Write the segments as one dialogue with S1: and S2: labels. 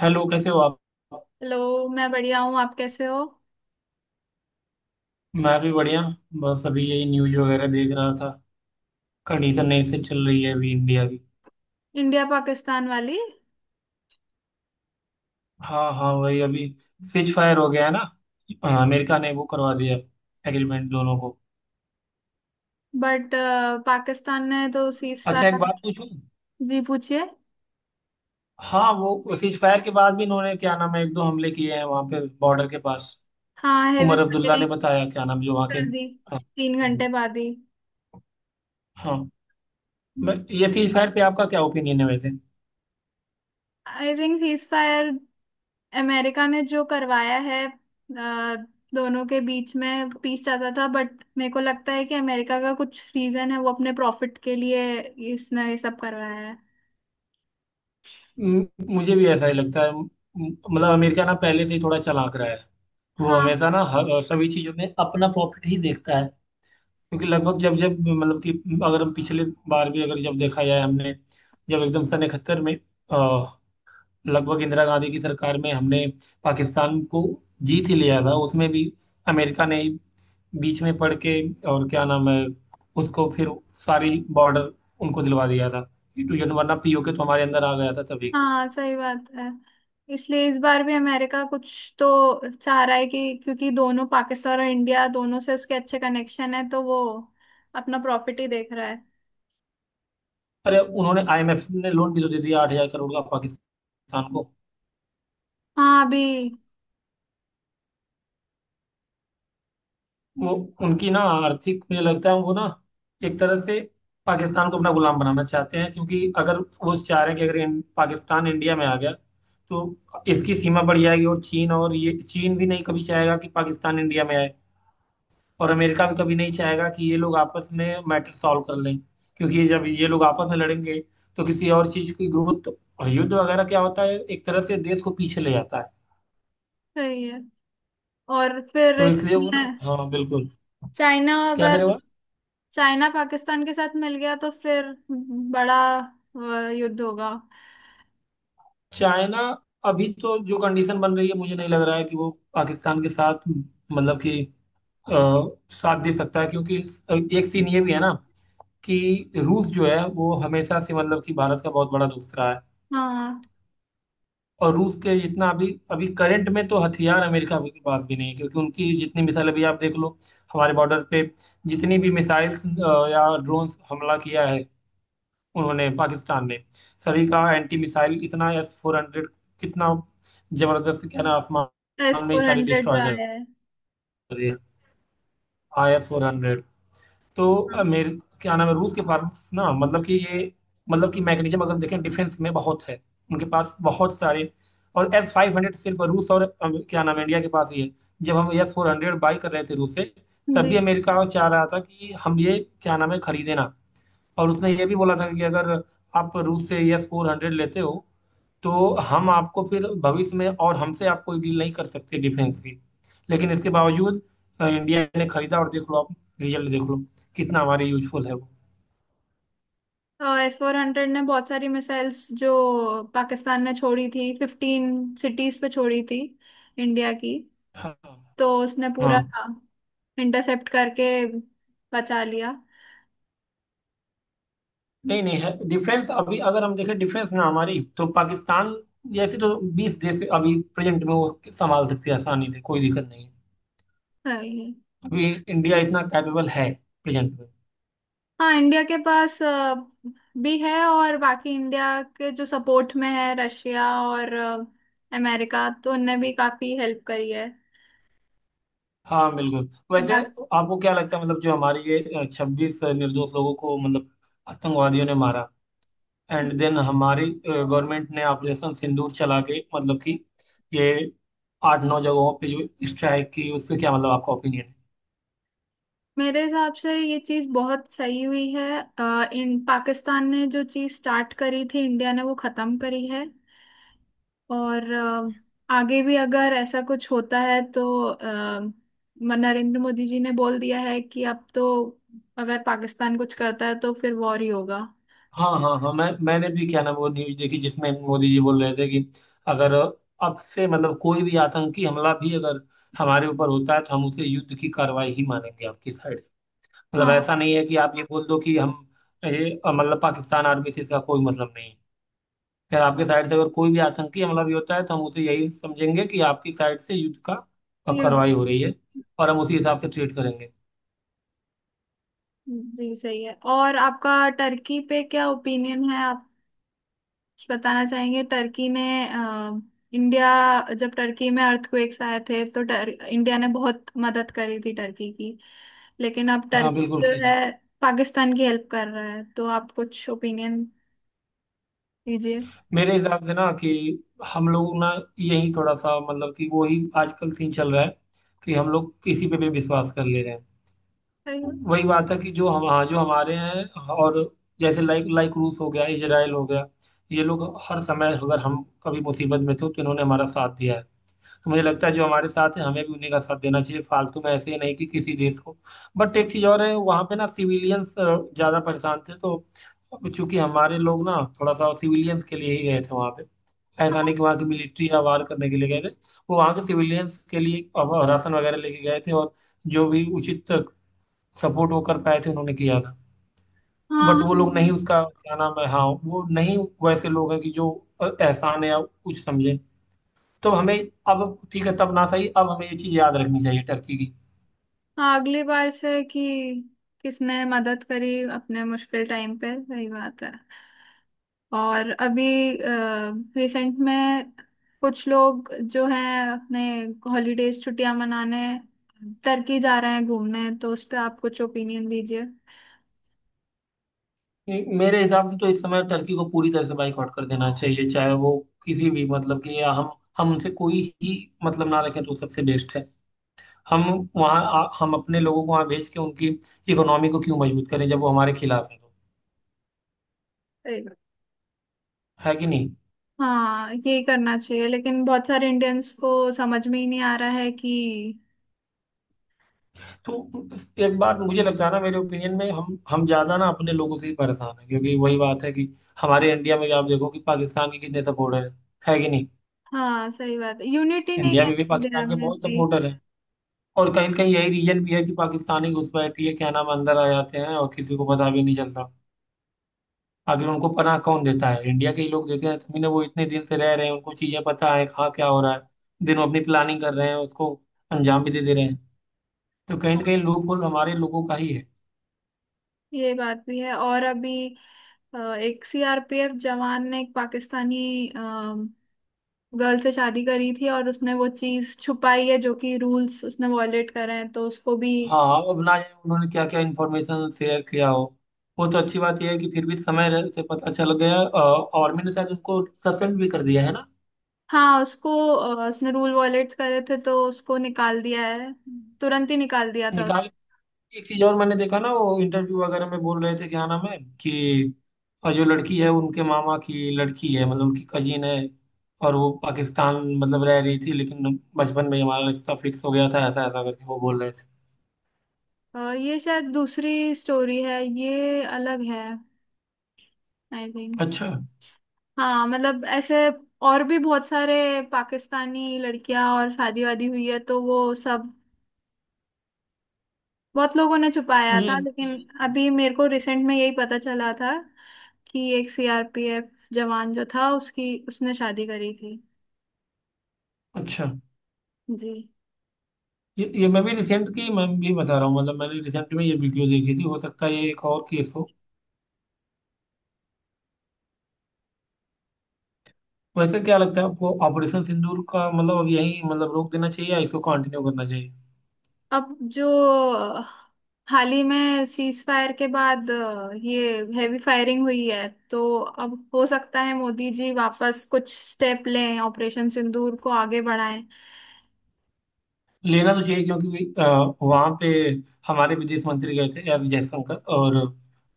S1: Hello, कैसे हो आप।
S2: हेलो, मैं बढ़िया हूँ। आप कैसे हो?
S1: मैं भी बढ़िया। बस अभी यही न्यूज वगैरह देख रहा था। कंडीशन ऐसे चल रही है अभी इंडिया की।
S2: इंडिया पाकिस्तान वाली।
S1: हाँ हाँ वही अभी। सीज फायर हो गया है ना। हाँ, अमेरिका ने वो करवा दिया, एग्रीमेंट दोनों को।
S2: बट पाकिस्तान ने तो सीज
S1: अच्छा, एक
S2: फायर।
S1: बात पूछूं।
S2: जी पूछिए।
S1: हाँ, वो सीज फायर के बाद भी इन्होंने क्या नाम है, एक दो हमले किए हैं वहां पे बॉर्डर के पास।
S2: हाँ हेवी
S1: उमर अब्दुल्ला ने
S2: फायरिंग
S1: बताया क्या नाम, जो वहाँ के,
S2: कर दी,
S1: हाँ।
S2: तीन घंटे बाद ही।
S1: हाँ, ये सीज फायर पे आपका क्या ओपिनियन है वैसे।
S2: I think ceasefire America ने जो करवाया है, दोनों के बीच में पीस चाहता था। बट मेरे को लगता है कि अमेरिका का कुछ रीजन है, वो अपने प्रॉफिट के लिए इसने ये सब करवाया है।
S1: म- मुझे भी ऐसा ही लगता है। मतलब अमेरिका ना पहले से ही थोड़ा चालाक रहा है। वो
S2: हाँ
S1: हमेशा ना हर और सभी चीजों में अपना प्रॉफिट ही देखता है। क्योंकि लगभग जब जब मतलब कि, अगर हम पिछले बार भी अगर जब देखा जाए हमने, जब एकदम सन 1971 में, अ, लगभग इंदिरा गांधी की सरकार में हमने पाकिस्तान को जीत ही लिया था उसमें भी। अमेरिका ने बीच में पड़ के और क्या नाम है उसको फिर सारी बॉर्डर उनको दिलवा दिया था। तो ये, वरना POK तो हमारे अंदर आ गया था तभी।
S2: हाँ, सही बात है। इसलिए इस बार भी अमेरिका कुछ तो चाह रहा है, कि क्योंकि दोनों पाकिस्तान और इंडिया दोनों से उसके अच्छे कनेक्शन है, तो वो अपना प्रॉफिट ही देख रहा है।
S1: अरे, उन्होंने IMF ने लोन भी तो दे दिया 8,000 करोड़ का पाकिस्तान को।
S2: हाँ, अभी।
S1: वो उनकी ना आर्थिक, मुझे लगता है वो ना एक तरह से पाकिस्तान को अपना गुलाम बनाना चाहते हैं। क्योंकि अगर वो चाह रहे हैं कि अगर इन, पाकिस्तान इंडिया में आ गया तो इसकी सीमा बढ़ जाएगी और चीन, और ये चीन भी नहीं कभी चाहेगा कि पाकिस्तान इंडिया में आए। और अमेरिका भी कभी नहीं चाहेगा कि ये लोग आपस में मैटर सॉल्व कर लें। क्योंकि ये जब ये लोग आपस में लड़ेंगे तो किसी और चीज की ग्रोथ, और युद्ध वगैरह क्या होता है, एक तरह से देश को पीछे ले जाता है।
S2: सही है। और फिर
S1: तो इसलिए वो ना,
S2: इसमें
S1: हाँ बिल्कुल,
S2: चाइना
S1: क्या
S2: अगर,
S1: करे।
S2: चाइना पाकिस्तान के साथ मिल गया तो फिर बड़ा युद्ध होगा।
S1: चाइना, अभी तो जो कंडीशन बन रही है मुझे नहीं लग रहा है कि वो पाकिस्तान के साथ, मतलब कि अ, साथ दे सकता है। क्योंकि एक सीन ये भी है ना कि, रूस जो है वो हमेशा से मतलब कि भारत का बहुत बड़ा दोस्त रहा है।
S2: हाँ।
S1: और रूस के जितना अभी अभी करंट में तो हथियार अमेरिका के पास भी नहीं है। क्योंकि उनकी जितनी मिसाइल अभी आप देख लो, हमारे बॉर्डर पे जितनी भी मिसाइल्स या ड्रोन हमला किया है उन्होंने पाकिस्तान ने, सभी का एंटी मिसाइल इतना S-400 कितना जबरदस्त, क्या ना
S2: एस
S1: आसमान में ही
S2: फोर
S1: सारे
S2: हंड्रेड जो
S1: डिस्ट्रॉय कर
S2: आया है।
S1: दिए। आई S-400, तो
S2: हाँ।
S1: मेरे क्या नाम है, रूस के पास ना, मतलब कि ये, मतलब कि मैकेनिज्म अगर देखें डिफेंस में बहुत है उनके पास, बहुत सारे। और S-500 सिर्फ रूस और क्या नाम है, इंडिया के पास ही है। जब हम S-400 बाई कर रहे थे रूस से, तब
S2: जी।
S1: भी अमेरिका चाह रहा था कि हम ये क्या नाम है खरीदे ना। और उसने ये भी बोला था कि अगर आप रूस से S-400 लेते हो तो हम आपको फिर भविष्य में, और हमसे आप कोई डील नहीं कर सकते डिफेंस की। लेकिन इसके बावजूद इंडिया ने खरीदा, और देख लो आप, रिजल्ट देख लो कितना हमारे यूजफुल है वो।
S2: एस फोर हंड्रेड ने बहुत सारी मिसाइल्स जो पाकिस्तान ने छोड़ी थी, फिफ्टीन सिटीज पे छोड़ी थी इंडिया की,
S1: हाँ
S2: तो उसने
S1: हाँ।
S2: पूरा इंटरसेप्ट करके बचा लिया।
S1: नहीं नहीं, है डिफेंस। अभी अगर हम देखें डिफेंस ना हमारी, तो पाकिस्तान जैसे तो 20 देश अभी प्रेजेंट में वो संभाल सकते हैं आसानी से, कोई दिक्कत नहीं है।
S2: हाँ ये-
S1: अभी इंडिया इतना कैपेबल है प्रेजेंट में।
S2: हाँ, इंडिया के पास भी है, और बाकी इंडिया के जो सपोर्ट में है रशिया और अमेरिका, तो उनने भी काफी हेल्प करी है।
S1: हाँ बिल्कुल। वैसे
S2: बाकी,
S1: आपको क्या लगता है, मतलब जो हमारे ये 26 निर्दोष लोगों को मतलब आतंकवादियों ने मारा, एंड देन हमारी गवर्नमेंट ने ऑपरेशन सिंदूर चला के मतलब कि, ये 8 9 जगहों पे जो स्ट्राइक की उस पे क्या मतलब आपका ओपिनियन है।
S2: मेरे हिसाब से ये चीज बहुत सही हुई है। इन पाकिस्तान ने जो चीज स्टार्ट करी थी, इंडिया ने वो खत्म करी है। और आगे भी अगर ऐसा कुछ होता है तो नरेंद्र मोदी जी ने बोल दिया है कि अब तो अगर पाकिस्तान कुछ करता है तो फिर वॉर ही होगा।
S1: हाँ हाँ हाँ, मैंने भी क्या ना वो न्यूज देखी जिसमें मोदी जी बोल रहे थे कि, अगर अब से मतलब कोई भी आतंकी हमला भी अगर हमारे ऊपर होता है तो हम उसे युद्ध की कार्रवाई ही मानेंगे आपकी साइड। मतलब
S2: हाँ
S1: ऐसा नहीं है कि आप ये बोल दो कि हम ये, मतलब पाकिस्तान आर्मी से इसका कोई मतलब नहीं है। खैर, आपके साइड से अगर कोई भी आतंकी हमला भी होता है तो हम उसे यही समझेंगे कि आपकी साइड से युद्ध का
S2: ये,
S1: कार्रवाई हो रही है और हम उसी हिसाब से ट्रीट करेंगे।
S2: जी सही है। और आपका टर्की पे क्या ओपिनियन है? आप बताना चाहेंगे? टर्की ने अ, इंडिया, जब टर्की में अर्थक्वेक्स आए थे तो इंडिया ने बहुत मदद करी थी टर्की की। लेकिन अब
S1: हाँ
S2: टर्की
S1: बिल्कुल,
S2: जो
S1: खींच।
S2: है पाकिस्तान की हेल्प कर रहा है, तो आप कुछ ओपिनियन दीजिए।
S1: मेरे हिसाब से ना कि, हम लोग ना यही थोड़ा सा, मतलब कि वो ही आजकल सीन चल रहा है कि हम लोग किसी पे भी विश्वास कर ले रहे हैं।
S2: हाँ
S1: वही बात है कि जो हम, हाँ, जो हमारे हैं, और जैसे लाइक लाइक रूस हो गया, इजराइल हो गया, ये लोग हर समय अगर हम कभी मुसीबत में थे तो इन्होंने हमारा साथ दिया है। तो मुझे लगता है जो हमारे साथ है हमें भी उन्हीं का साथ देना चाहिए, फालतू में ऐसे ही नहीं कि किसी देश को। बट एक चीज और है, वहां पे ना सिविलियंस ज्यादा परेशान थे तो, चूंकि हमारे लोग ना थोड़ा सा सिविलियंस के लिए ही गए थे वहां पे, ऐसा
S2: हाँ
S1: नहीं कि वहां की मिलिट्री या वार करने के लिए गए थे। वो वहां के सिविलियंस के लिए अब राशन वगैरह लेके गए थे, और जो भी उचित सपोर्ट वो कर पाए थे उन्होंने किया था। बट
S2: हाँ।
S1: वो लोग नहीं, उसका क्या नाम है, हाँ, वो नहीं वैसे लोग हैं कि जो एहसान है या कुछ समझे। तो हमें, अब ठीक है तब ना सही, अब हमें ये चीज याद रखनी चाहिए टर्की की।
S2: हाँ, अगली बार से कि किसने मदद करी अपने मुश्किल टाइम पे, सही बात है। और अभी रिसेंट में कुछ लोग जो हैं अपने हॉलीडेज छुट्टियां मनाने टर्की जा रहे हैं घूमने, तो उस पे आप कुछ ओपिनियन दीजिए।
S1: मेरे हिसाब से तो इस समय टर्की को पूरी तरह से बाइकआउट कर देना चाहिए। चाहे वो किसी भी, मतलब कि, या हम उनसे कोई ही मतलब ना रखें तो सबसे बेस्ट है। हम वहाँ हम अपने लोगों को वहाँ भेज के उनकी इकोनॉमी को क्यों मजबूत करें जब वो हमारे खिलाफ है तो।
S2: ए,
S1: है कि नहीं।
S2: हाँ यही करना चाहिए, लेकिन बहुत सारे इंडियंस को समझ में ही नहीं आ रहा है कि।
S1: तो एक बात मुझे लगता है ना, मेरे ओपिनियन में, हम ज्यादा ना अपने लोगों से ही परेशान है। क्योंकि वही बात है कि, हमारे इंडिया में भी आप देखो कि पाकिस्तान के कितने सपोर्टर हैं। है कि नहीं।
S2: हाँ सही बात है, यूनिटी नहीं
S1: इंडिया
S2: है
S1: में भी
S2: इंडिया
S1: पाकिस्तान के
S2: में
S1: बहुत
S2: इतनी।
S1: सपोर्टर हैं। और कहीं कहीं यही रीजन भी है कि पाकिस्तानी घुसपैठी है क्या नाम अंदर आ जाते हैं और किसी को पता भी नहीं चलता। आखिर उनको पनाह कौन देता है, इंडिया के ही लोग देते हैं, तभी ना वो इतने दिन से रह रहे हैं, उनको चीजें पता है कहाँ क्या हो रहा है। दिन वो अपनी प्लानिंग कर रहे हैं, उसको अंजाम भी दे दे रहे हैं। तो कहीं ना
S2: हाँ,
S1: कहीं लूप होल हमारे लोगों का ही है।
S2: ये बात भी है। और अभी एक सीआरपीएफ जवान ने एक पाकिस्तानी गर्ल से शादी करी थी, और उसने वो चीज छुपाई है, जो कि रूल्स उसने वॉयलेट करे हैं, तो उसको भी।
S1: हाँ, अब ना जाने उन्होंने क्या क्या इन्फॉर्मेशन शेयर किया हो। वो तो अच्छी बात यह है कि फिर भी समय से पता चल गया। आर्मी ने शायद उनको सस्पेंड भी कर दिया है ना।
S2: हाँ उसको उसने रूल वॉयलेट करे थे तो उसको निकाल दिया है, तुरंत ही निकाल दिया था।
S1: निकाल। एक चीज और मैंने देखा ना, वो इंटरव्यू वगैरह में बोल रहे थे क्या नाम है कि, जो लड़की है उनके मामा की लड़की है, मतलब उनकी कजिन है। और वो पाकिस्तान मतलब रह रही थी लेकिन बचपन में ही हमारा रिश्ता फिक्स हो गया था, ऐसा ऐसा करके वो बोल रहे थे।
S2: ये शायद दूसरी स्टोरी है, ये अलग है। I think.
S1: अच्छा।
S2: हाँ मतलब ऐसे और भी बहुत सारे पाकिस्तानी लड़कियां और शादी वादी हुई है, तो वो सब बहुत लोगों ने छुपाया था।
S1: ये
S2: लेकिन अभी मेरे को रिसेंट में यही पता चला था कि एक सीआरपीएफ जवान जो था, उसकी उसने शादी करी थी।
S1: अच्छा,
S2: जी।
S1: ये मैं भी रिसेंट की, मैं भी बता रहा हूँ, मतलब मैंने रिसेंट में ये वीडियो देखी थी, हो सकता है ये एक और केस हो। वैसे क्या लगता है आपको, ऑपरेशन सिंदूर का मतलब, अब यही मतलब रोक देना चाहिए या इसको कंटिन्यू करना चाहिए।
S2: अब जो अ, हाल ही में सीज फायर के बाद ये हैवी फायरिंग हुई है, तो अब हो सकता है मोदी जी वापस कुछ स्टेप लें, ऑपरेशन सिंदूर को आगे बढ़ाएं।
S1: लेना तो चाहिए क्योंकि, वहाँ पे हमारे विदेश मंत्री गए थे, S जयशंकर, और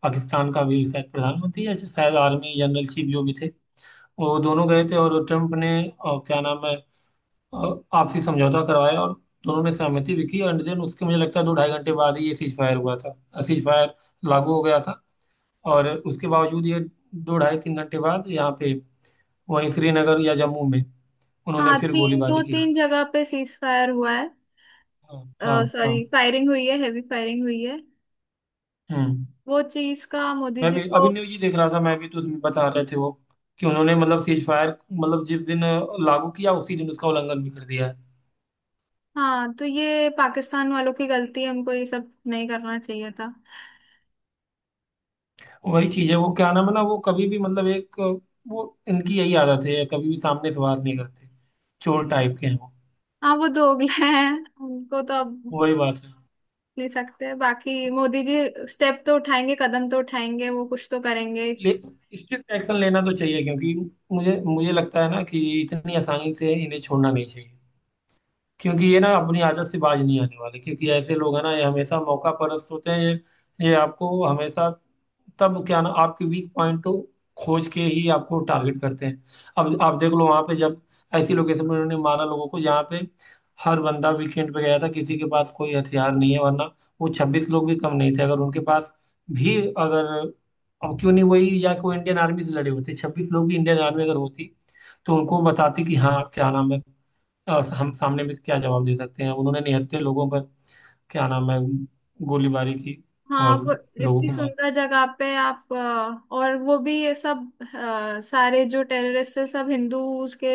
S1: पाकिस्तान का भी शायद प्रधानमंत्री या शायद आर्मी जनरल चीफ जो भी थे, वो दोनों गए थे। और ट्रम्प ने क्या नाम है, और आपसी समझौता करवाया, और दोनों ने सहमति भी की। एंड देन उसके मुझे लगता है दो ढाई घंटे बाद ही ये सीज फायर हुआ था, सीज फायर लागू हो गया था। और उसके बावजूद ये दो ढाई तीन घंटे बाद यहाँ पे, वहीं श्रीनगर या जम्मू में उन्होंने
S2: हाँ
S1: फिर
S2: तीन, दो
S1: गोलीबारी की।
S2: तीन जगह पे सीज फायर हुआ है,
S1: हाँ हाँ
S2: सॉरी
S1: हाँ।
S2: फायरिंग हुई है, हैवी फायरिंग हुई है।
S1: हम्म।
S2: वो चीज का मोदी
S1: मैं
S2: जी
S1: भी अभी
S2: को।
S1: न्यूज ही देख रहा था, मैं भी, तो उसमें बता रहे थे वो कि उन्होंने मतलब सीज फायर मतलब जिस दिन लागू किया उसी दिन उसका उल्लंघन भी कर दिया है।
S2: हाँ, तो ये पाकिस्तान वालों की गलती है, उनको ये सब नहीं करना चाहिए था।
S1: वही चीज है, वो क्या नाम है ना, वो कभी भी मतलब एक वो इनकी यही आदत है, कभी भी सामने से बात नहीं करते, चोर टाइप के हैं।
S2: हाँ वो दोगले हैं। उनको तो अब
S1: वो वही बात है।
S2: ले सकते हैं। बाकी मोदी जी स्टेप तो उठाएंगे, कदम तो उठाएंगे, वो कुछ तो करेंगे।
S1: ले स्ट्रिक्ट एक्शन लेना तो चाहिए क्योंकि, मुझे मुझे लगता है ना कि इतनी आसानी से इन्हें छोड़ना नहीं चाहिए। क्योंकि ये ना अपनी आदत से बाज नहीं आने वाले, क्योंकि ऐसे लोग हैं ना, ये हमेशा मौका परस्त होते हैं। ये आपको हमेशा, तब क्या ना आपके वीक पॉइंट को खोज के ही आपको टारगेट करते हैं। अब आप देख लो वहां पे जब ऐसी लोकेशन में उन्होंने मारा लोगों को जहाँ पे हर बंदा वीकेंड पे गया था, किसी के पास कोई हथियार नहीं है। वरना वो 26 लोग भी कम नहीं थे अगर उनके पास भी अगर, अब क्यों नहीं वही, या कोई इंडियन आर्मी से लड़े होते। 26 लोग भी इंडियन आर्मी अगर होती तो उनको बताती कि हाँ क्या नाम है, हम सामने भी क्या जवाब दे सकते हैं। उन्होंने निहत्थे लोगों पर क्या नाम है गोलीबारी की,
S2: हाँ आप
S1: और लोगों
S2: इतनी
S1: को मार।
S2: सुंदर जगह पे आप और वो भी ये सब सारे जो टेररिस्ट है सब हिंदूज के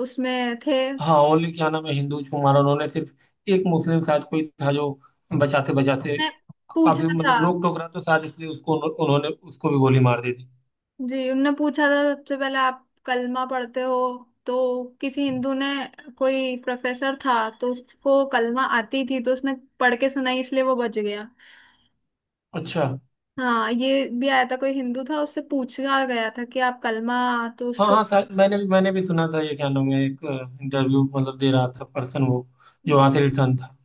S2: उसमें थे।
S1: हाँ ओनली क्या नाम है हिंदू को मारा उन्होंने, सिर्फ एक मुस्लिम शायद कोई था जो बचाते बचाते
S2: मैं पूछा
S1: काफी
S2: था।
S1: मतलब रोक टोक रहा, तो शायद इसलिए उसको उन्होंने उसको भी गोली मार दी थी।
S2: जी उनने पूछा था सबसे पहले आप कलमा पढ़ते हो, तो किसी हिंदू ने, कोई प्रोफेसर था, तो उसको कलमा आती थी तो उसने पढ़ के सुनाई, इसलिए वो बच गया।
S1: अच्छा।
S2: हाँ ये भी आया था कोई हिंदू था, उससे पूछा गया था कि आप कलमा, तो
S1: हाँ
S2: उसको।
S1: हाँ, शायद मैंने भी सुना था ये क्या नाम है, एक इंटरव्यू मतलब दे रहा था पर्सन वो, जो वहां से रिटर्न था।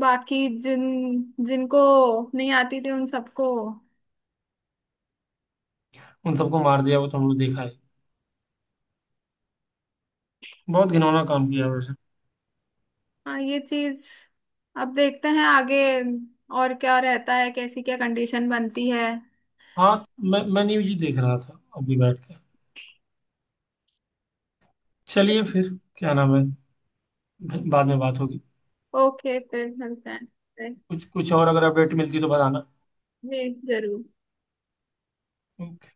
S2: बाकी जिन, जिनको नहीं आती थी उन सबको।
S1: उन सबको मार दिया, वो तो हम लोग देखा है। बहुत घिनौना काम किया वैसे।
S2: हाँ ये चीज, अब देखते हैं आगे और क्या रहता है, कैसी क्या कंडीशन बनती है।
S1: हाँ। मैं न्यूज ही देख रहा था अभी बैठ के। चलिए फिर, क्या नाम है, बाद में बात होगी।
S2: ओके फिर मिलते हैं।
S1: कुछ कुछ और अगर अपडेट मिलती है तो बताना।
S2: जी जरूर।
S1: ओके।